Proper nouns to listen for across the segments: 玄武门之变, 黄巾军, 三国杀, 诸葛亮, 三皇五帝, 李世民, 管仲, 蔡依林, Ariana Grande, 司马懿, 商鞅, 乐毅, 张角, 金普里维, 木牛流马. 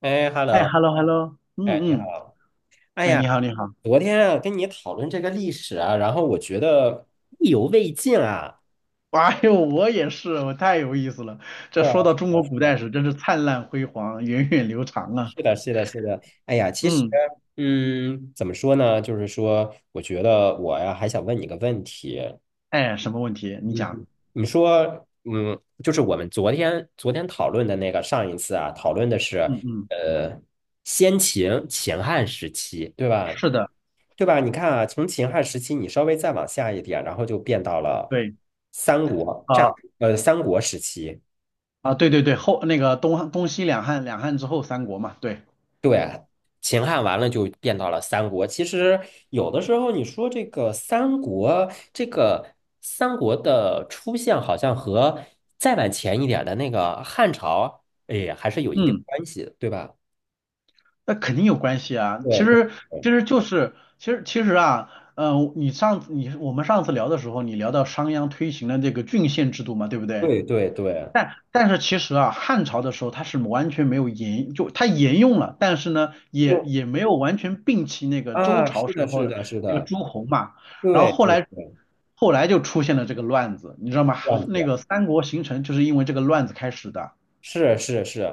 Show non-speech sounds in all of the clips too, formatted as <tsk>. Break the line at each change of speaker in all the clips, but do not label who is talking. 哎
哎
，hello，
，hello hello，嗯
哎，你
嗯，
好。哎
哎，
呀，
你好你好，
昨天啊跟你讨论这个历史啊，然后我觉得意犹未尽啊。
哎呦，我也是，我太有意思了。这
是啊，
说到中国古
是
代
啊，
史，真是灿烂辉煌，源远流长啊。
是的，是的，是的。哎呀，其实，
嗯，
嗯，怎么说呢？就是说，我觉得我呀还想问你个问题。
哎，什么问题？你讲。
嗯，你说，嗯，就是我们昨天讨论的那个上一次啊，讨论的是
嗯嗯，
呃先秦秦汉时期，对吧？
是的，
对吧？你看啊，从秦汉时期，你稍微再往下一点，然后就变到了
对，
三国战，
啊、
三国时期。
啊，对对对，后那个东西两汉，两汉之后三国嘛，对，
秦汉完了就变到了三国。其实有的时候你说这个三国，这个三国的出现，好像和再往前一点的那个汉朝，哎，还是有一定
嗯，
关系的对吧？
那肯定有关系啊。其
对
实其实就是其实其实啊，你上次你我们上次聊的时候，你聊到商鞅推行了这个郡县制度嘛，对不对？
对，
但是其实啊，汉朝的时候它是完全没有沿，就它沿用了，但是呢，也
就
也没有完全摒弃那个周
啊，
朝
是
时
的，
候
是
的
的，是
那个
的，
诸侯嘛。然后
对
后
对
来
对，
后来就出现了这个乱子，你知道吗？
这样子，
那个三国形成就是因为这个乱子开始的。
是是是。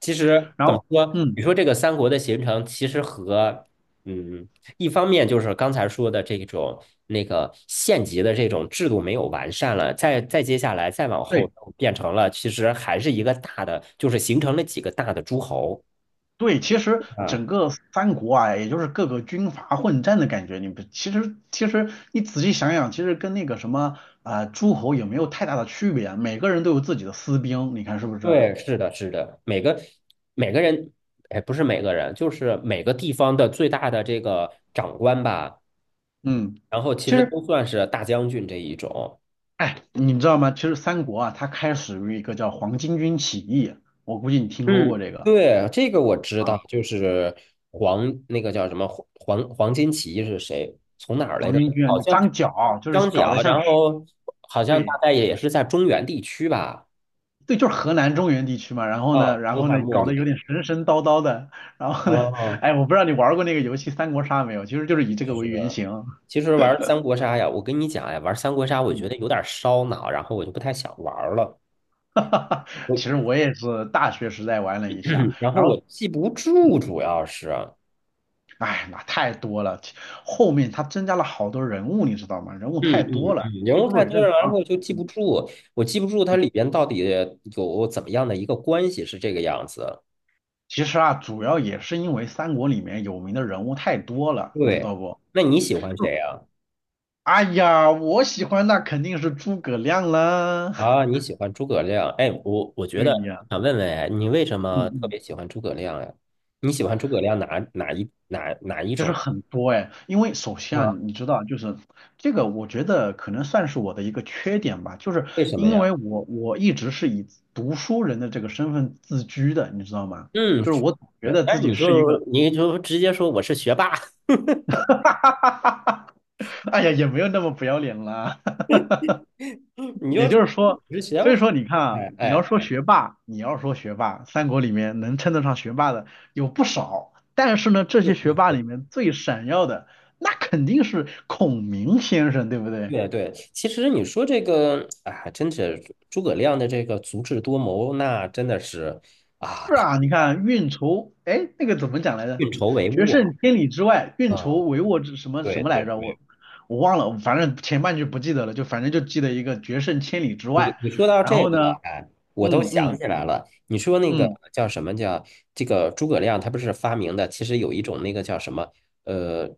其实
然
怎么
后，
说？
嗯，
你说这个三国的形成，其实和嗯，一方面就是刚才说的这种那个县级的这种制度没有完善了，再接下来再往后
对。
变成了，其实还是一个大的，就是形成了几个大的诸侯
对，其实
啊。
整个三国啊，也就是各个军阀混战的感觉。你不，其实你仔细想想，其实跟那个什么诸侯也没有太大的区别啊，每个人都有自己的私兵，你看是不是啊？
对，是的，是的，每个每个人，哎，不是每个人，就是每个地方的最大的这个长官吧，
嗯，
然后其
其
实
实
都算是大将军这一种。
哎，你知道吗？其实三国啊，它开始于一个叫黄巾军起义，我估计你听说过
嗯
这个
对，这个我知
啊，
道，就是黄那个叫什么黄金奇义是谁？从哪儿来
黄
着？
巾军啊，
好
就
像
张角，就
张
是搞得
角，
像
然
是
后好像大
对。
概也是在中原地区吧。
对，就是河南中原地区嘛，然后
啊，
呢，然
东
后呢，
汉末
搞得
年
有点神神叨叨的，然后呢，<laughs>
啊，
哎，我不知道你玩过那个游戏《三国杀》没有，其实就是以这
就
个
是
为原型，
其实玩三国杀呀，我跟你讲呀，玩三国杀我
嗯，
觉得有点烧脑，然后我就不太想玩了。
<laughs> 哈哈哈，
我
其实我也是大学时代玩了一下，
<clears throat> 然后
然后，
我记不住，主要是。
哎，那太多了，后面它增加了好多人物，你知道吗？人物
嗯
太多
嗯
了，
嗯，人
记
物
不住
太
也
多了，
正
然
常。
后就记不
嗯，
住，我记不住它里边到底有怎么样的一个关系是这个样子。
其实啊，主要也是因为三国里面有名的人物太多了，你知道
对，
不？
那你喜欢谁呀？
哎呀，我喜欢那肯定是诸葛亮啦，
啊，你喜欢诸葛亮？哎，我
<laughs>
觉
对
得
呀，
想问问，哎你为什
嗯
么特
嗯。
别喜欢诸葛亮呀？你喜欢诸葛亮哪一
就是
种
很多哎，因为首先啊，
啊？
你知道啊，就是这个，我觉得可能算是我的一个缺点吧，就是
为什么
因
呀？
为我一直是以读书人的这个身份自居的，你知道吗？
嗯，
就是
是，
我总觉得自
但是
己
你
是一
就
个，
你就直接说我是学霸，<laughs> 我
<laughs> 哈哈哈哈哎呀，也没有那么不要脸啦。<laughs> 也就是说，
是学霸，
所以说你看啊，
哎
你要说
哎。
学霸，你要说学霸，三国里面能称得上学霸的有不少，但是呢，这些学霸里面最闪耀的，那肯定是孔明先生，对不对？
对对，其实你说这个啊，真是诸葛亮的这个足智多谋，那真的是啊，
是
太
啊，你
厉害了，
看运筹，哎，那个怎么讲来着？
运筹帷
决
幄啊。
胜千里之外，运筹
嗯，
帷幄之什么什
对
么来
对
着？
对，
我忘了，反正前半句不记得了，就反正就记得一个决胜千里之
你
外。
你说到
然
这
后
个
呢，
了，哎，我都
嗯
想
嗯
起来了。你说那个
嗯，
叫什么叫这个诸葛亮，他不是发明的，其实有一种那个叫什么，呃，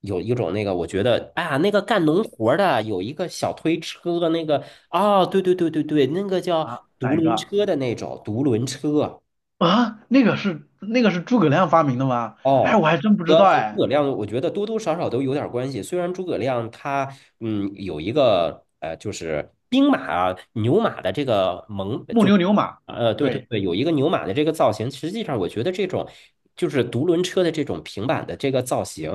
有一种那个，我觉得啊，那个干农活儿的有一个小推车，那个哦，对对对对对，那个叫
啊，哪
独
一
轮
个
车的那种独轮车。
啊？那个是诸葛亮发明的吗？哎，我
哦，
还真不知道
和诸
哎。
葛亮，我觉得多多少少都有点关系。虽然诸葛亮他嗯有一个就是兵马啊牛马的这个蒙，
木
就是
牛流马，
对对
对，
对，有一个牛马的这个造型。实际上，我觉得这种就是独轮车的这种平板的这个造型，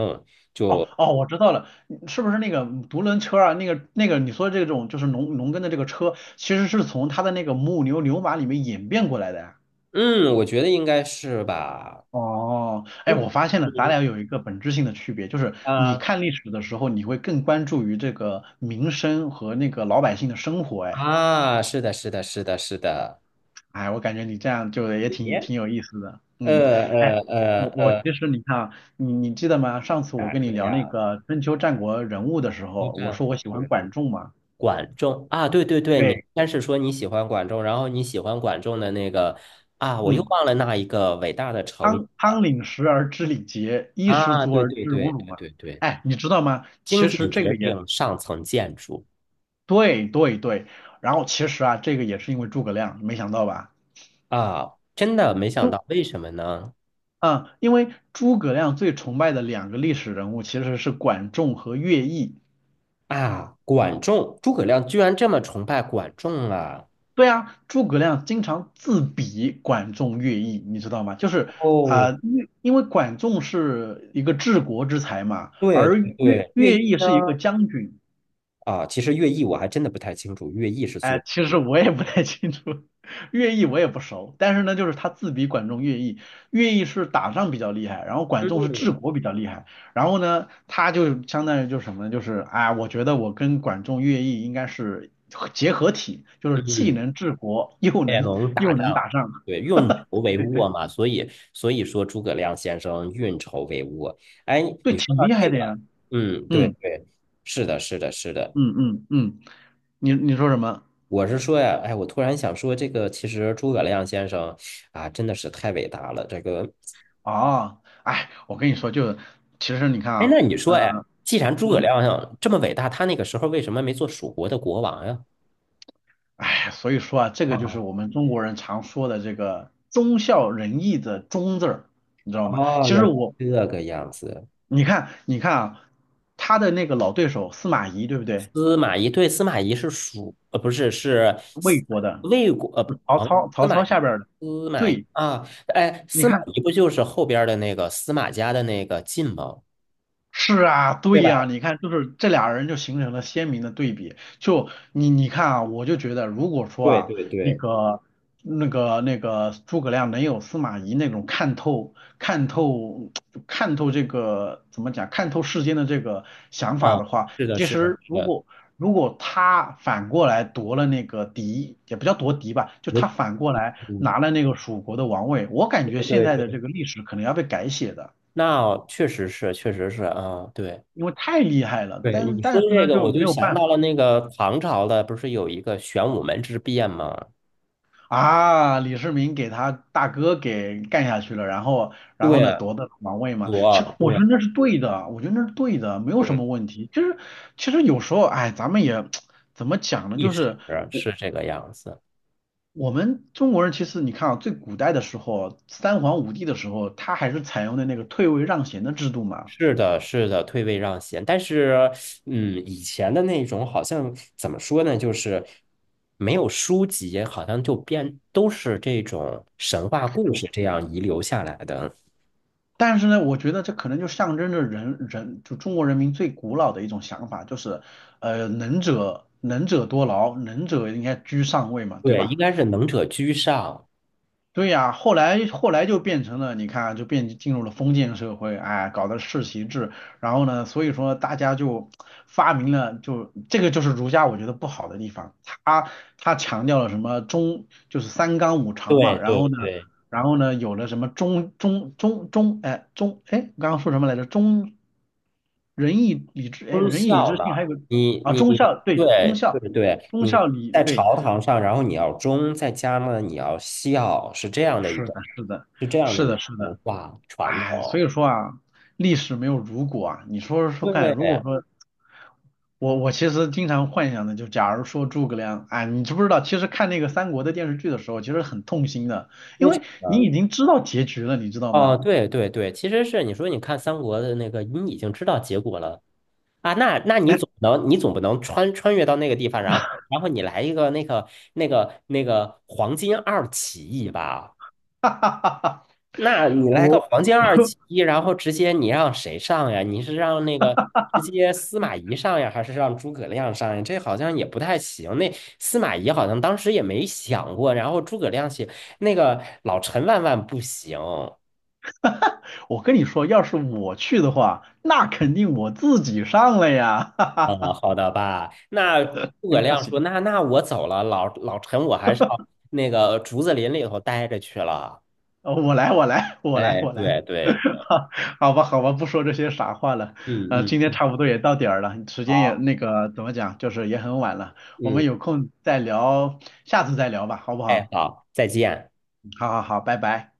哦
就
哦，我知道了，是不是那个独轮车啊？那个你说这种就是农耕的这个车，其实是从他的那个木牛流马里面演变过来的呀
嗯，我觉得应该是吧。
哦，哎，
嗯
我发现了，咱
嗯
俩有一个本质性的区别，就是你
啊
看历史的时候，你会更关注于这个民生和那个老百姓的生活。哎，
啊，是的，是的，是的，是的。
哎，我感觉你这样就也挺
耶，
挺有意思的。
呃
嗯，哎，
呃呃
我
呃，
其实你看啊，你记得吗？上次我
哪
跟你
个
聊那
呀？
个春秋战国人物的时
一
候，我
战
说我
国
喜欢
人？
管仲嘛。
管仲啊，对对对，你
对，
先是说你喜欢管仲，然后你喜欢管仲的那个啊，我又
嗯，
忘了那一个伟大的成语
汤领食而知礼节，衣食
啊，
足
对
而
对
知荣
对
辱
对
嘛。
对对，
哎，你知道吗？
经
其
济
实这
决
个也
定上层建筑
对对对，然后其实啊，这个也是因为诸葛亮，没想到吧？
啊，真的没
因
想
为
到，为什么呢？
嗯，因为诸葛亮最崇拜的两个历史人物其实是管仲和乐毅。
啊，管仲，诸葛亮居然这么崇拜管仲啊！
对啊，诸葛亮经常自比管仲、乐毅，你知道吗？就是啊，
哦，
因为管仲是一个治国之才嘛，
对
而
对
乐
对，乐
乐
毅
毅是一个将军。
啊，其实乐毅我还真的不太清楚，乐毅是做
哎，
什
其实我也不太清楚，<laughs> 乐毅我也不熟，但是呢，就是他自比管仲乐毅，乐毅是打仗比较厉害，然后管仲是
么
治国比较厉害，然后呢，他就相当于就是什么呢？就是啊，我觉得我跟管仲乐毅应该是结合体，就
嗯
是既
嗯。
能治国又
也
能
能打
又能打
仗，
仗，
对，运
<laughs>
筹帷幄嘛，所以说诸葛亮先生运筹帷幄。哎，
对，
你说
挺
到
厉害
这
的呀。
个，嗯，对
嗯
对，是的，是的，是的。
嗯嗯嗯，你说什么？
我是说呀，哎，我突然想说，这个其实诸葛亮先生啊，真的是太伟大了。这个，
哦，哎，我跟你说，就其实你看
哎，
啊，
那你说，哎，
呃，
既然诸葛
嗯。
亮这么伟大，他那个时候为什么没做蜀国的国王呀？
哎，所以说啊，这个就
啊，
是我们中国人常说的这个忠孝仁义的忠字儿，你知道吗？
哦，
其
原
实
来
我，
这个样子。
你看啊，他的那个老对手司马懿，对不对？
司马懿对，司马懿是蜀，呃，不是是
魏
司
国的，
魏国，
就曹
哦，
操，
司
曹
马
操
懿，
下边儿的。
司马懿
对，
啊，哎，
你
司马
看
懿不就是后边儿的那个司马家的那个晋吗？
是啊，
对
对呀，
吧？
你看，就是这俩人就形成了鲜明的对比。你看啊，我就觉得，如果说
对
啊，
对
那
对，
个、那个诸葛亮能有司马懿那种看透、看透这个怎么讲，看透世间的这个想法
啊，
的话，
是的，
其
是的，
实
是
如
的，
果如果他反过来夺了那个嫡，也不叫夺嫡吧，就
我
他反过来
嗯，
拿了那个蜀国的王位，我感觉
对
现
对
在的
对，
这个历史可能要被改写的。
那确实是，确实是啊，对
因为太厉害了，
对，
但
你说
但是
这
呢
个，
就
我
没
就
有
想
办
到了
法
那个唐朝的，不是有一个玄武门之变吗？
啊，李世民给他大哥给干下去了，然后然后
对
呢
啊，
夺得王位嘛，其实
我
我
对
觉
啊，
得那是对的，我觉得那是对的，没有什
对，
么问题。就是其实有时候哎，咱们也 <tsk> 怎么讲呢，
一
就
史
是
是这个样子。
我们中国人其实你看啊，最古代的时候，三皇五帝的时候，他还是采用的那个退位让贤的制度嘛。
是的，是的，退位让贤，但是，嗯，以前的那种好像怎么说呢，就是没有书籍，好像就编都是这种神话故事这样遗留下来的。
但是呢，我觉得这可能就象征着人人就中国人民最古老的一种想法，就是能者多劳，能者应该居上位嘛，对
对，
吧？
应该是能者居上。
对呀，后来就变成了，你看啊就变进入了封建社会，哎，搞的世袭制，然后呢，所以说大家就发明了，就这个就是儒家我觉得不好的地方，他强调了什么中就是三纲五常嘛，
对
然后
对
呢。
对，
然后呢，有了什么中，哎，我刚刚说什么来着？中仁义礼智，哎，
忠
仁义礼
孝
智
的。
信还有个
你
啊，
你
忠孝，对，忠
对对
孝，
对，
忠
你
孝礼，
在
对，
朝堂上，然后你要忠，在家呢你要孝，是这样的一
是
个，
的，是的，
是这样的
是
一
的，是
个
的，
文化传
哎，所
统。
以说啊，历史没有如果啊，你说说看，
对，
如果说我其实经常幻想的，就假如说诸葛亮，哎，你知不知道，其实看那个三国的电视剧的时候，其实很痛心的，因
为
为
什
你
么呢？
已经知道结局了，你知道吗？
哦，对对对，其实是你说，你看三国的那个，你已经知道结果了啊，那那你
但
总不能穿越到那个地方，然后你来一个那个那个黄金二起义吧？
<laughs> 哈哈哈哈，
那你来个
我
黄金二起义，然后直接你让谁上呀？你是让那个直接司马懿上呀，还是让诸葛亮上呀？这好像也不太行。那司马懿好像当时也没想过，然后诸葛亮写那个老陈万万不行。
我跟你说，要是我去的话，那肯定我自己上了呀，<laughs> 哈哈
哦，
哈，
好的吧。那
<laughs>
诸葛
行吧，
亮说：
行。
“那那我走了，老老陈，我还是要那个竹子林里头待着去了。”
我来，我来，我来，
哎，
我来，
对对，
<laughs> 好好吧，好吧，不说这些傻话了。
嗯嗯，
今天差不多也到点儿了，时间也
好，
那个怎么讲，就是也很晚了。我
嗯，
们有空再聊，下次再聊吧，好不
哎，
好？
好，再见。
好好好，拜拜。